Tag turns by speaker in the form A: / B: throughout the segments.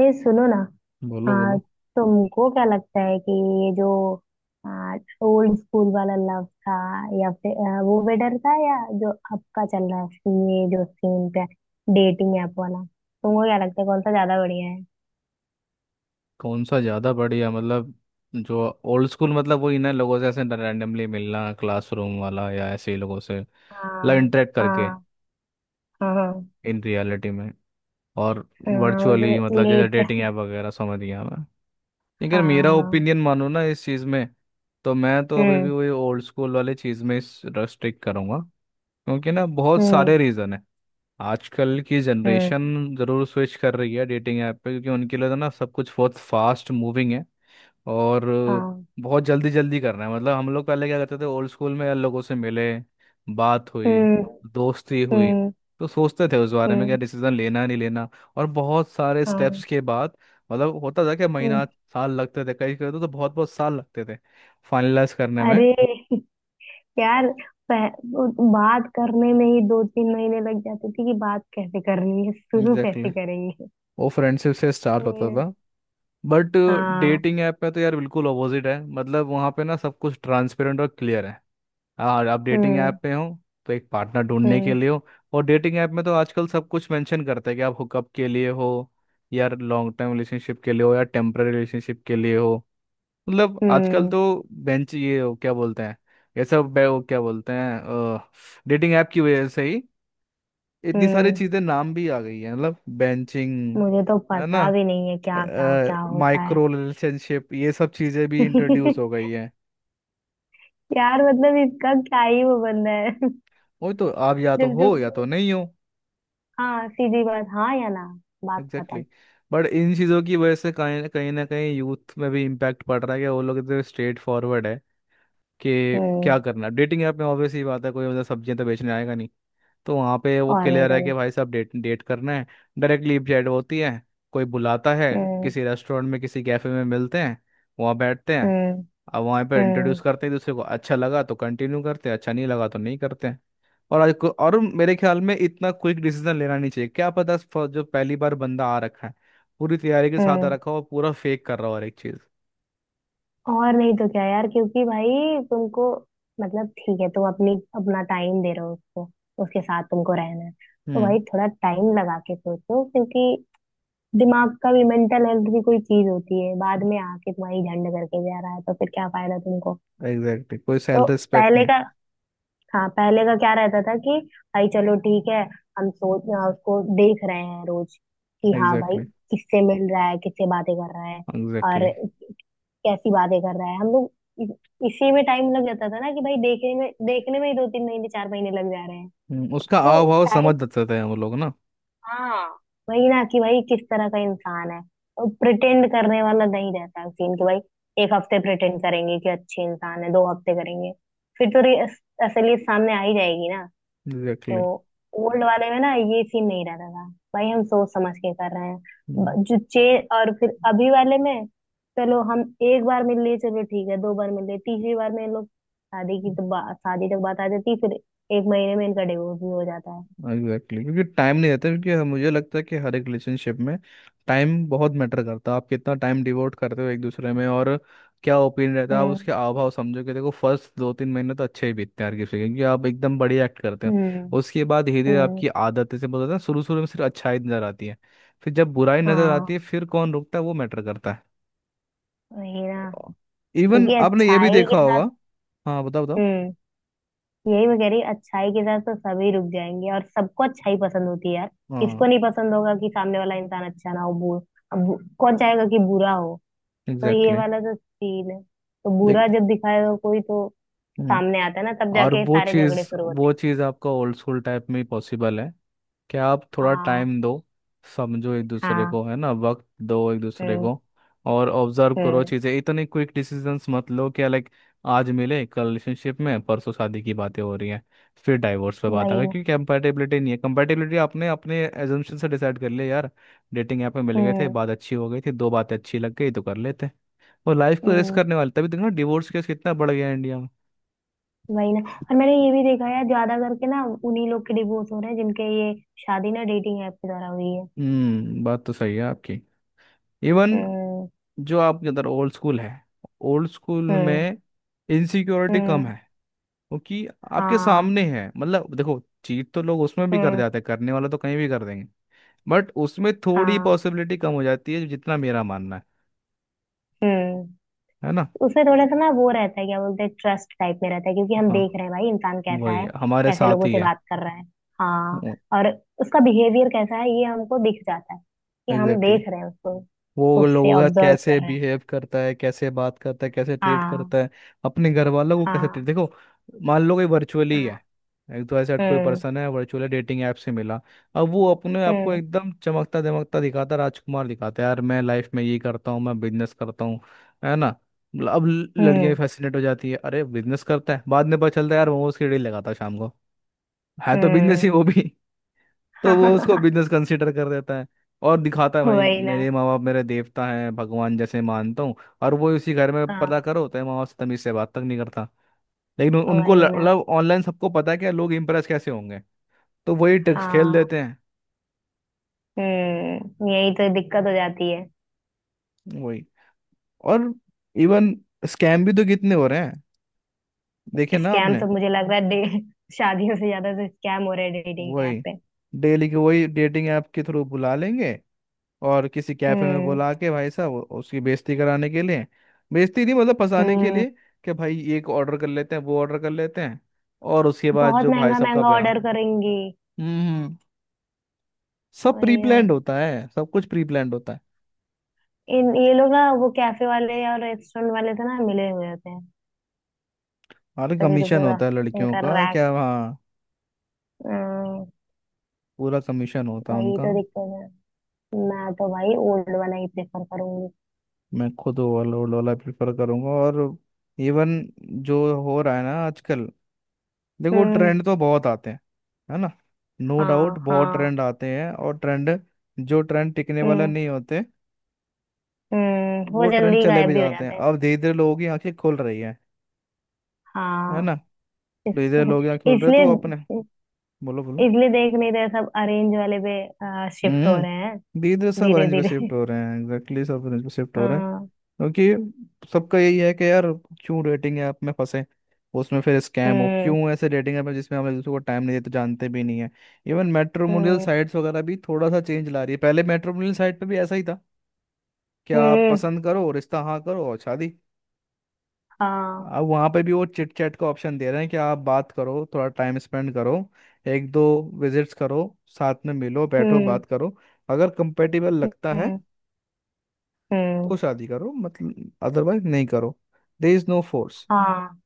A: ये सुनो ना।
B: बोलो
A: आ,
B: बोलो
A: तुमको क्या लगता है कि ये जो ओल्ड स्कूल वाला लव था, या फिर वो बेटर था, या जो अब का चल रहा है ये जो सीन पे डेटिंग ऐप वाला, तुमको क्या लगता है कौन सा ज्यादा बढ़िया है?
B: कौन सा ज़्यादा बढ़िया मतलब जो ओल्ड स्कूल मतलब वही ना, लोगों से ऐसे रैंडमली मिलना, क्लासरूम वाला, या ऐसे ही लोगों से मतलब
A: हाँ।
B: इंटरेक्ट
A: हाँ।
B: करके,
A: हाँ। हाँ।
B: इन रियलिटी में, और
A: हाँ, वो
B: वर्चुअली
A: जो
B: मतलब जैसे डेटिंग
A: लेट।
B: ऐप वगैरह, समझ गया मैं. लेकिन अगर मेरा
A: हाँ।
B: ओपिनियन मानो ना इस चीज़ में, तो मैं तो अभी भी
A: हम्म।
B: वही ओल्ड स्कूल वाले चीज़ में रेस्ट्रिक्ट करूँगा. क्योंकि ना बहुत सारे
A: हम्म।
B: रीज़न है. आजकल की
A: हम्म।
B: जनरेशन ज़रूर स्विच कर रही है डेटिंग ऐप पे, क्योंकि उनके लिए तो ना सब कुछ बहुत फास्ट मूविंग है. और
A: हाँ।
B: बहुत जल्दी जल्दी करना है. मतलब हम लोग पहले क्या करते थे ओल्ड स्कूल में, लोगों से मिले, बात हुई,
A: हम्म।
B: दोस्ती हुई,
A: हम्म।
B: तो सोचते थे उस बारे में क्या
A: हम्म।
B: डिसीजन लेना नहीं लेना. और बहुत सारे
A: हाँ।
B: स्टेप्स के बाद मतलब होता था कि
A: हम्म।
B: महीना, साल लगते थे, कई कई, तो बहुत बहुत साल लगते थे फाइनलाइज करने में.
A: अरे यार, पह, वो बात करने में ही दो तीन महीने लग जाते थे कि बात कैसे करनी है, शुरू
B: एग्जैक्टली
A: कैसे
B: exactly.
A: करेंगे।
B: वो फ्रेंडशिप से स्टार्ट
A: कोई
B: होता
A: नहीं।
B: था. बट
A: हाँ।
B: डेटिंग ऐप में तो यार बिल्कुल अपोजिट है. मतलब वहाँ पे ना सब कुछ ट्रांसपेरेंट और क्लियर है. और आप डेटिंग ऐप
A: हम्म।
B: पे हो तो एक पार्टनर ढूंढने के
A: हम्म।
B: लिए हो. और डेटिंग ऐप में तो आजकल सब कुछ मेंशन करते हैं कि आप हुकअप के लिए हो, या लॉन्ग टर्म रिलेशनशिप के लिए हो, या टेम्पररी रिलेशनशिप के लिए हो. मतलब आजकल
A: हम्म।
B: तो बेंच, ये हो क्या बोलते हैं, वो क्या बोलते हैं, डेटिंग ऐप की वजह से ही इतनी सारी
A: हम्म।
B: चीज़ें नाम भी आ गई हैं. मतलब बेंचिंग
A: मुझे तो
B: है ना,
A: पता भी नहीं है क्या क्या क्या होता है।
B: माइक्रो रिलेशनशिप, ये सब चीज़ें भी इंट्रोड्यूस हो गई हैं.
A: यार, मतलब इसका क्या ही वो, बंदा है।
B: वो तो आप या तो
A: दिल
B: हो या
A: तुमको।
B: तो नहीं हो.
A: हाँ, सीधी बात, हाँ या ना, बात
B: एग्जैक्टली
A: खत्म।
B: exactly. बट इन चीज़ों की वजह से कहीं ना कहीं ना कहीं यूथ में भी इम्पैक्ट पड़ रहा है, कि वो लोग इतने स्ट्रेट फॉरवर्ड है कि
A: हम्म।
B: क्या करना. डेटिंग ऐप में ऑब्वियस ही बात है, कोई मतलब सब्जियां तो बेचने आएगा नहीं. तो वहाँ पे वो
A: और नहीं
B: क्लियर
A: तो
B: है कि भाई साहब डेट डेट करना है. डायरेक्टली चैट होती है, कोई बुलाता है
A: क्या। हम्म।
B: किसी रेस्टोरेंट में, किसी कैफे में मिलते हैं, वहाँ बैठते हैं.
A: हम्म।
B: अब वहाँ पे इंट्रोड्यूस
A: हम्म।
B: करते हैं दूसरे को, अच्छा लगा तो कंटिन्यू करते हैं, अच्छा नहीं लगा तो नहीं करते हैं. और मेरे ख्याल में इतना क्विक डिसीजन लेना नहीं चाहिए. क्या पता, जो पहली बार बंदा आ रखा है, पूरी तैयारी के साथ आ
A: हम्म।
B: रखा हो और पूरा फेक कर रहा हो हर एक चीज.
A: और नहीं तो क्या यार, क्योंकि भाई तुमको, मतलब ठीक है, तुम अपनी अपना टाइम दे रहे हो उसको। उसके साथ तुमको रहना है तो
B: हम्म.
A: भाई थोड़ा टाइम लगा के सोचो, क्योंकि दिमाग का भी, मेंटल हेल्थ भी कोई चीज होती है। बाद में आके तुम्हारी झंड करके जा रहा है तो फिर क्या फायदा तुमको।
B: एग्जैक्टली, कोई
A: तो
B: सेल्फ रिस्पेक्ट
A: पहले
B: नहीं.
A: का, हाँ पहले का क्या रहता था कि भाई चलो ठीक है, हम सोच, उसको देख रहे हैं रोज, कि हाँ भाई
B: एग्जैक्टली.
A: किससे मिल रहा है, किससे बातें कर रहा है, और
B: एग्जैक्टली,
A: कैसी बातें कर रहा है हम लोग। इस- इसी में टाइम लग जाता था ना कि भाई देखने में ही दो तीन महीने चार महीने लग जा रहे हैं।
B: उसका
A: तो
B: हाव भाव
A: टाइम,
B: समझ सकते हैं हम लोग ना.
A: हाँ वही ना कि भाई किस तरह का इंसान है, और प्रिटेंड करने वाला नहीं रहता सीन कि भाई एक हफ्ते प्रिटेंड करेंगे कि अच्छे इंसान है, दो हफ्ते करेंगे, फिर तो असलियत सामने आ ही जाएगी ना। तो
B: एग्जैक्टली.
A: ओल्ड वाले में ना ये सीन नहीं रहता था, भाई हम सोच समझ के कर रहे हैं। ब- जो चे और फिर अभी वाले में, चलो हम एक बार मिल लिए, चलो ठीक है, दो बार मिल लिए, तीसरी बार में इन लोग शादी की तो शादी तक बात आ जाती, फिर एक महीने में इनका डिवोर्स भी हो जाता है।
B: Exactly exactly. क्योंकि टाइम नहीं रहता. मुझे लगता है कि हर एक रिलेशनशिप में टाइम बहुत मैटर करता है. आप कितना टाइम डिवोट करते हो एक दूसरे में, और क्या ओपिनियन रहता है आप
A: हम्म।
B: उसके हाव भाव समझो. कि देखो फर्स्ट दो तीन महीने तो अच्छे ही बीतते हैं हर किसी के, क्योंकि आप एकदम बढ़िया एक्ट करते हैं.
A: हम्म।
B: उसके बाद धीरे धीरे
A: हम्म।
B: आपकी आदत से बोलते हैं ना, शुरू शुरू में सिर्फ अच्छाई नजर आती है. फिर जब बुराई नजर
A: हाँ,
B: आती है, फिर कौन रुकता है वो मैटर करता है.
A: वही ना,
B: इवन
A: क्योंकि
B: आपने ये भी
A: अच्छाई
B: देखा
A: के
B: होगा.
A: साथ।
B: हाँ बताओ बताओ.
A: हम्म। यही मैं कह रही, अच्छाई के साथ तो सभी रुक जाएंगे और सबको अच्छाई पसंद होती है यार।
B: हाँ,
A: किसको नहीं पसंद होगा कि सामने वाला इंसान अच्छा ना हो। अब कौन चाहेगा कि बुरा हो। तो ये
B: एग्जैक्टली.
A: वाला तो सीन है, तो बुरा
B: लेकिन
A: जब दिखाएगा कोई, तो सामने आता है ना, तब
B: और
A: जाके
B: वो
A: सारे
B: चीज़,
A: झगड़े शुरू होते
B: वो चीज़ आपका ओल्ड स्कूल टाइप में ही पॉसिबल है, कि आप
A: हैं।
B: थोड़ा
A: हाँ।
B: टाइम दो, समझो एक दूसरे
A: हाँ।
B: को, है ना, वक्त दो एक दूसरे
A: हम्म।
B: को. और ऑब्जर्व करो
A: हम्म।
B: चीज़ें, इतने क्विक डिसीजंस मत लो कि लाइक आज मिले, कल रिलेशनशिप में, परसों शादी की बातें हो रही हैं, फिर डाइवोर्स पे बात आ
A: वही
B: गई,
A: ना।
B: क्योंकि कंपैटिबिलिटी नहीं है. कंपैटिबिलिटी आपने अपने एजम्पशन से डिसाइड कर लिया यार. डेटिंग ऐप में मिल गए थे,
A: हम्म।
B: बात अच्छी हो गई थी, दो बातें अच्छी लग गई तो कर लेते और लाइफ को रिस्क
A: हम्म।
B: करने वाले. तभी देखो डिवोर्स केस कितना बढ़ गया है इंडिया में.
A: वही ना। और मैंने ये भी देखा है, ज्यादा करके ना उन्हीं लोग के डिवोर्स हो रहे हैं जिनके ये शादी ना डेटिंग ऐप के द्वारा हुई है।
B: हम्म, बात तो सही है आपकी. इवन
A: हम्म।
B: जो आपके अंदर ओल्ड स्कूल है, ओल्ड स्कूल
A: हम्म।
B: में इनसिक्योरिटी कम
A: हम्म।
B: है. क्योंकि आपके
A: हाँ।
B: सामने है, मतलब देखो चीट तो लोग उसमें भी कर
A: हम्म।
B: जाते हैं, करने वाला तो कहीं भी कर देंगे. बट उसमें थोड़ी
A: हाँ।
B: पॉसिबिलिटी कम हो जाती है जितना मेरा मानना है.
A: हम्म।
B: है ना.
A: उसमें थोड़ा सा ना वो रहता है, क्या बोलते हैं, ट्रस्ट टाइप में रहता है, क्योंकि हम
B: हाँ,
A: देख रहे हैं भाई इंसान कैसा
B: वही
A: है,
B: हमारे
A: कैसे
B: साथ
A: लोगों
B: ही
A: से
B: है.
A: बात कर रहा है। हाँ। और उसका बिहेवियर कैसा है ये हमको दिख जाता है, कि हम
B: एग्जैक्टली.
A: देख रहे हैं उसको,
B: वो
A: खुद से
B: लोगों का
A: ऑब्जर्व
B: कैसे
A: कर रहे हैं।
B: बिहेव करता है, कैसे बात करता है, कैसे ट्रीट
A: हाँ।
B: करता है, अपने घर वालों को कैसे ट्रीट
A: हाँ।
B: देखो. मान लो कोई वर्चुअली है,
A: हाँ।
B: एक तो ऐसा कोई
A: हम्म।
B: पर्सन है वर्चुअली डेटिंग ऐप से मिला. अब वो अपने आप को
A: हम्म।
B: एकदम चमकता दमकता दिखाता, राजकुमार दिखाता है. यार मैं लाइफ में ये करता हूँ, मैं बिजनेस करता हूँ. है ना. अब लड़कियां भी
A: हम्म।
B: फैसिनेट हो जाती है, अरे बिजनेस करता है. बाद में पता चलता है यार मोमोज की रेडी लगाता है शाम को. है तो बिजनेस ही,
A: हम्म।
B: वो भी. तो वो उसको बिजनेस कंसीडर कर देता है. और दिखाता है भाई
A: वही ना।
B: मेरे माँ बाप मेरे देवता हैं, भगवान जैसे मानता हूँ. और वो उसी घर में पता
A: हाँ,
B: करो तो माँ बाप से तमीज से बात तक नहीं करता. उनको
A: वही ना।
B: मतलब ऑनलाइन सबको पता है कि लोग इम्प्रेस कैसे होंगे, तो वही ट्रिक्स खेल
A: हाँ।
B: देते हैं.
A: हम्म। यही तो दिक्कत हो जाती है।
B: वही. और इवन स्कैम भी तो कितने हो रहे हैं, देखे ना
A: स्कैम
B: आपने.
A: तो मुझे लग रहा है शादियों से ज्यादा तो स्कैम हो रहे हैं डेटिंग ऐप
B: वही,
A: पे।
B: डेली के वही डेटिंग ऐप के थ्रू बुला लेंगे और किसी कैफे में
A: हम्म।
B: बुला के भाई साहब, उसकी बेइज्जती कराने के लिए, बेइज्जती नहीं मतलब फंसाने के
A: हम्म।
B: लिए. कि भाई एक ऑर्डर कर लेते हैं, वो ऑर्डर कर लेते हैं, और उसके बाद
A: बहुत
B: जो भाई
A: महंगा
B: साहब का
A: महंगा
B: बयान.
A: ऑर्डर करेंगी।
B: हम्म. सब प्री
A: वही है।
B: प्लान्ड होता है, सब कुछ प्री प्लान्ड होता है.
A: इन ये लोग ना वो कैफे वाले और रेस्टोरेंट वाले से ना मिले हुए होते हैं,
B: अरे
A: तभी तो
B: कमीशन
A: पूरा
B: होता है लड़कियों
A: इनका
B: का,
A: रैक।
B: क्या हाँ, पूरा कमीशन होता है
A: वही
B: उनका.
A: तो दिक्कत है। मैं तो भाई ओल्ड वाला ही प्रेफर करूंगी।
B: मैं खुद ओवरलोड वाला वाला प्रेफर करूंगा. और इवन जो हो रहा है ना आजकल, देखो
A: हम्म।
B: ट्रेंड तो बहुत आते हैं. है ना. नो डाउट
A: हाँ।
B: बहुत
A: हाँ।
B: ट्रेंड आते हैं, और ट्रेंड, जो ट्रेंड टिकने वाला
A: हम्म।
B: नहीं होते,
A: हम्म। वो
B: वो ट्रेंड
A: जल्दी
B: चले
A: गायब
B: भी
A: भी हो
B: जाते हैं.
A: जाते हैं।
B: अब धीरे धीरे लोगों की आंखें खुल रही है. है
A: हाँ।
B: ना. धीरे धीरे लोग आंखें खुल रहे हैं तो
A: इसलिए
B: अपने. बोलो बोलो.
A: इसलिए देख नहीं रहे, सब अरेंज वाले पे शिफ्ट हो रहे हैं,
B: हम्म, धीरे धीरे सब
A: धीरे
B: ऑरेंज पे
A: धीरे।
B: शिफ्ट हो रहे हैं. एग्जैक्टली exactly, सब ऑरेंज पे शिफ्ट हो रहे हैं.
A: हाँ।
B: क्योंकि सबका यही है कि यार क्यों रेटिंग ऐप में फंसे, उसमें फिर स्कैम हो,
A: हम्म।
B: क्यों ऐसे रेटिंग ऐप है जिसमें हम एक दूसरे को टाइम नहीं देते, जानते भी नहीं है. इवन मैट्रिमोनियल
A: हम्म।
B: साइट्स वगैरह भी थोड़ा सा चेंज ला रही है. पहले मैट्रिमोनियल साइट पे भी ऐसा ही था कि आप
A: हम्म।
B: पसंद करो, रिश्ता हाँ करो, और शादी.
A: हाँ।
B: अब वहाँ पे भी वो चिट चैट का ऑप्शन दे रहे हैं कि आप बात करो, थोड़ा टाइम स्पेंड करो, एक दो विजिट्स करो, साथ में मिलो, बैठो,
A: हम्म।
B: बात करो. अगर कंपेटिबल लगता है
A: हम्म। हम्म।
B: तो शादी करो, मतलब अदरवाइज नहीं करो. There is no force.
A: हाँ,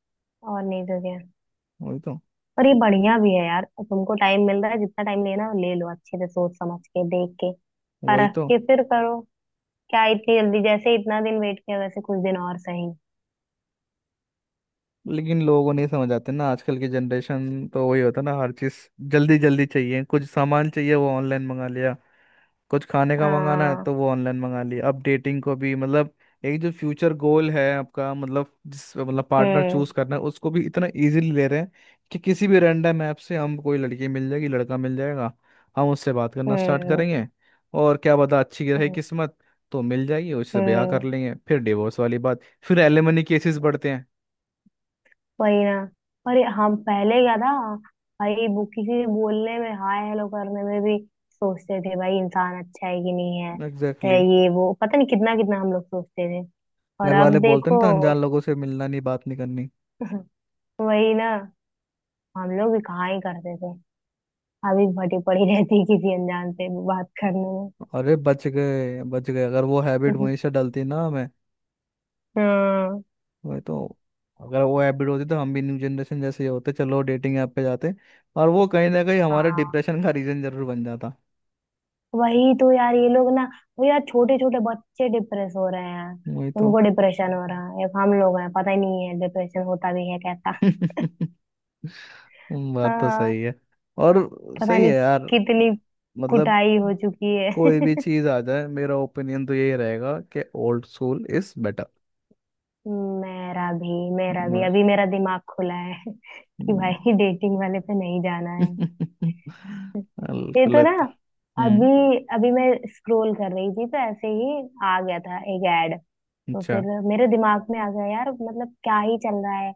A: और नहीं तो क्या।
B: वही तो.
A: और ये बढ़िया भी है यार, तुमको टाइम मिल रहा है, जितना टाइम लेना हो ले लो, अच्छे से सोच समझ के, देख के,
B: वही
A: परख
B: तो.
A: के फिर करो। क्या इतनी जल्दी, जैसे इतना दिन वेट किया वैसे कुछ दिन और सही।
B: लेकिन लोगों नहीं समझ आते ना, आजकल की जनरेशन तो वही होता ना हर चीज जल्दी जल्दी चाहिए. कुछ सामान चाहिए वो ऑनलाइन मंगा लिया, कुछ खाने का मंगाना है
A: हाँ।
B: तो वो ऑनलाइन मंगा लिया. अब डेटिंग को भी मतलब, एक जो फ्यूचर गोल है आपका, मतलब जिस मतलब पार्टनर
A: हम्म।
B: चूज करना है, उसको भी इतना इजीली ले रहे हैं कि किसी भी रैंडम ऐप से हम कोई लड़की मिल जाएगी, लड़का मिल जाएगा, हम उससे बात करना स्टार्ट
A: हम्म।
B: करेंगे, और क्या पता अच्छी रही
A: हम्म।
B: किस्मत तो मिल जाएगी, उससे ब्याह कर
A: हम्म।
B: लेंगे, फिर डिवोर्स वाली बात, फिर एलिमनी केसेस बढ़ते हैं.
A: वही ना। और ये हम पहले क्या था, भाई वो किसी से बोलने में, हाय हेलो करने में भी सोचते थे भाई इंसान अच्छा है कि नहीं है,
B: एग्जैक्टली
A: है
B: exactly.
A: ये वो, पता नहीं कितना कितना हम लोग सोचते थे। और
B: घर वाले
A: अब
B: बोलते ना,
A: देखो।
B: तो अनजान लोगों से मिलना नहीं, बात नहीं करनी.
A: वही ना। हम लोग भी कहाँ ही करते थे। अभी भटी पड़ी रहती है किसी अनजान से बात करने में।
B: अरे बच गए बच गए, अगर वो हैबिट वहीं से डलती ना हमें.
A: हाँ।
B: वही तो. अगर वो हैबिट होती तो हम भी न्यू जनरेशन जैसे ही होते, चलो डेटिंग ऐप पे जाते, और वो कहीं ना कहीं हमारे
A: हाँ,
B: डिप्रेशन का रीजन जरूर बन जाता.
A: वही तो यार, ये लोग ना, वो यार छोटे छोटे बच्चे डिप्रेस हो रहे हैं।
B: वही तो.
A: उनको डिप्रेशन हो रहा है, एक हम लोग हैं पता ही नहीं है डिप्रेशन होता भी है कैसा।
B: बात तो
A: हाँ।
B: सही है. और
A: पता
B: सही
A: नहीं
B: है यार.
A: कितनी
B: मतलब
A: कुटाई हो चुकी है।
B: कोई भी चीज आ जाए मेरा ओपिनियन तो यही रहेगा कि ओल्ड स्कूल इज
A: मेरा भी, मेरा भी,
B: बेटर.
A: अभी मेरा दिमाग खुला है। कि भाई डेटिंग वाले पे नहीं जाना है, ये
B: बिल्कुल
A: तो ना।
B: लगता.
A: अभी
B: हम्म.
A: अभी मैं स्क्रॉल कर रही थी तो ऐसे ही आ गया था एक ऐड, तो फिर
B: अच्छा.
A: मेरे दिमाग में आ गया, यार मतलब क्या ही चल रहा है,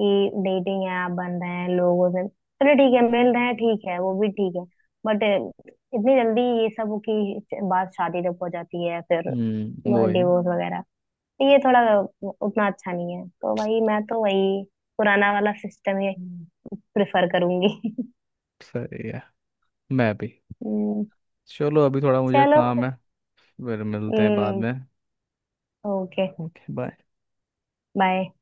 A: कि डेटिंग ऐप बन रहे हैं, लोगों से चलो ठीक है मिल रहे हैं, ठीक है, वो भी ठीक है, बट इतनी जल्दी ये सब की बात शादी तक हो जाती है, फिर
B: हम्म, वो है.
A: डिवोर्स वगैरह, तो ये थोड़ा उतना अच्छा नहीं है, तो भाई मैं तो वही पुराना वाला सिस्टम ही
B: हम्म,
A: प्रेफर करूंगी।
B: सही है. मैं भी.
A: हम्म।
B: चलो अभी थोड़ा मुझे
A: चलो,
B: काम है, फिर मिलते हैं बाद
A: फिर
B: में.
A: Okay,
B: okay bye.
A: बाय।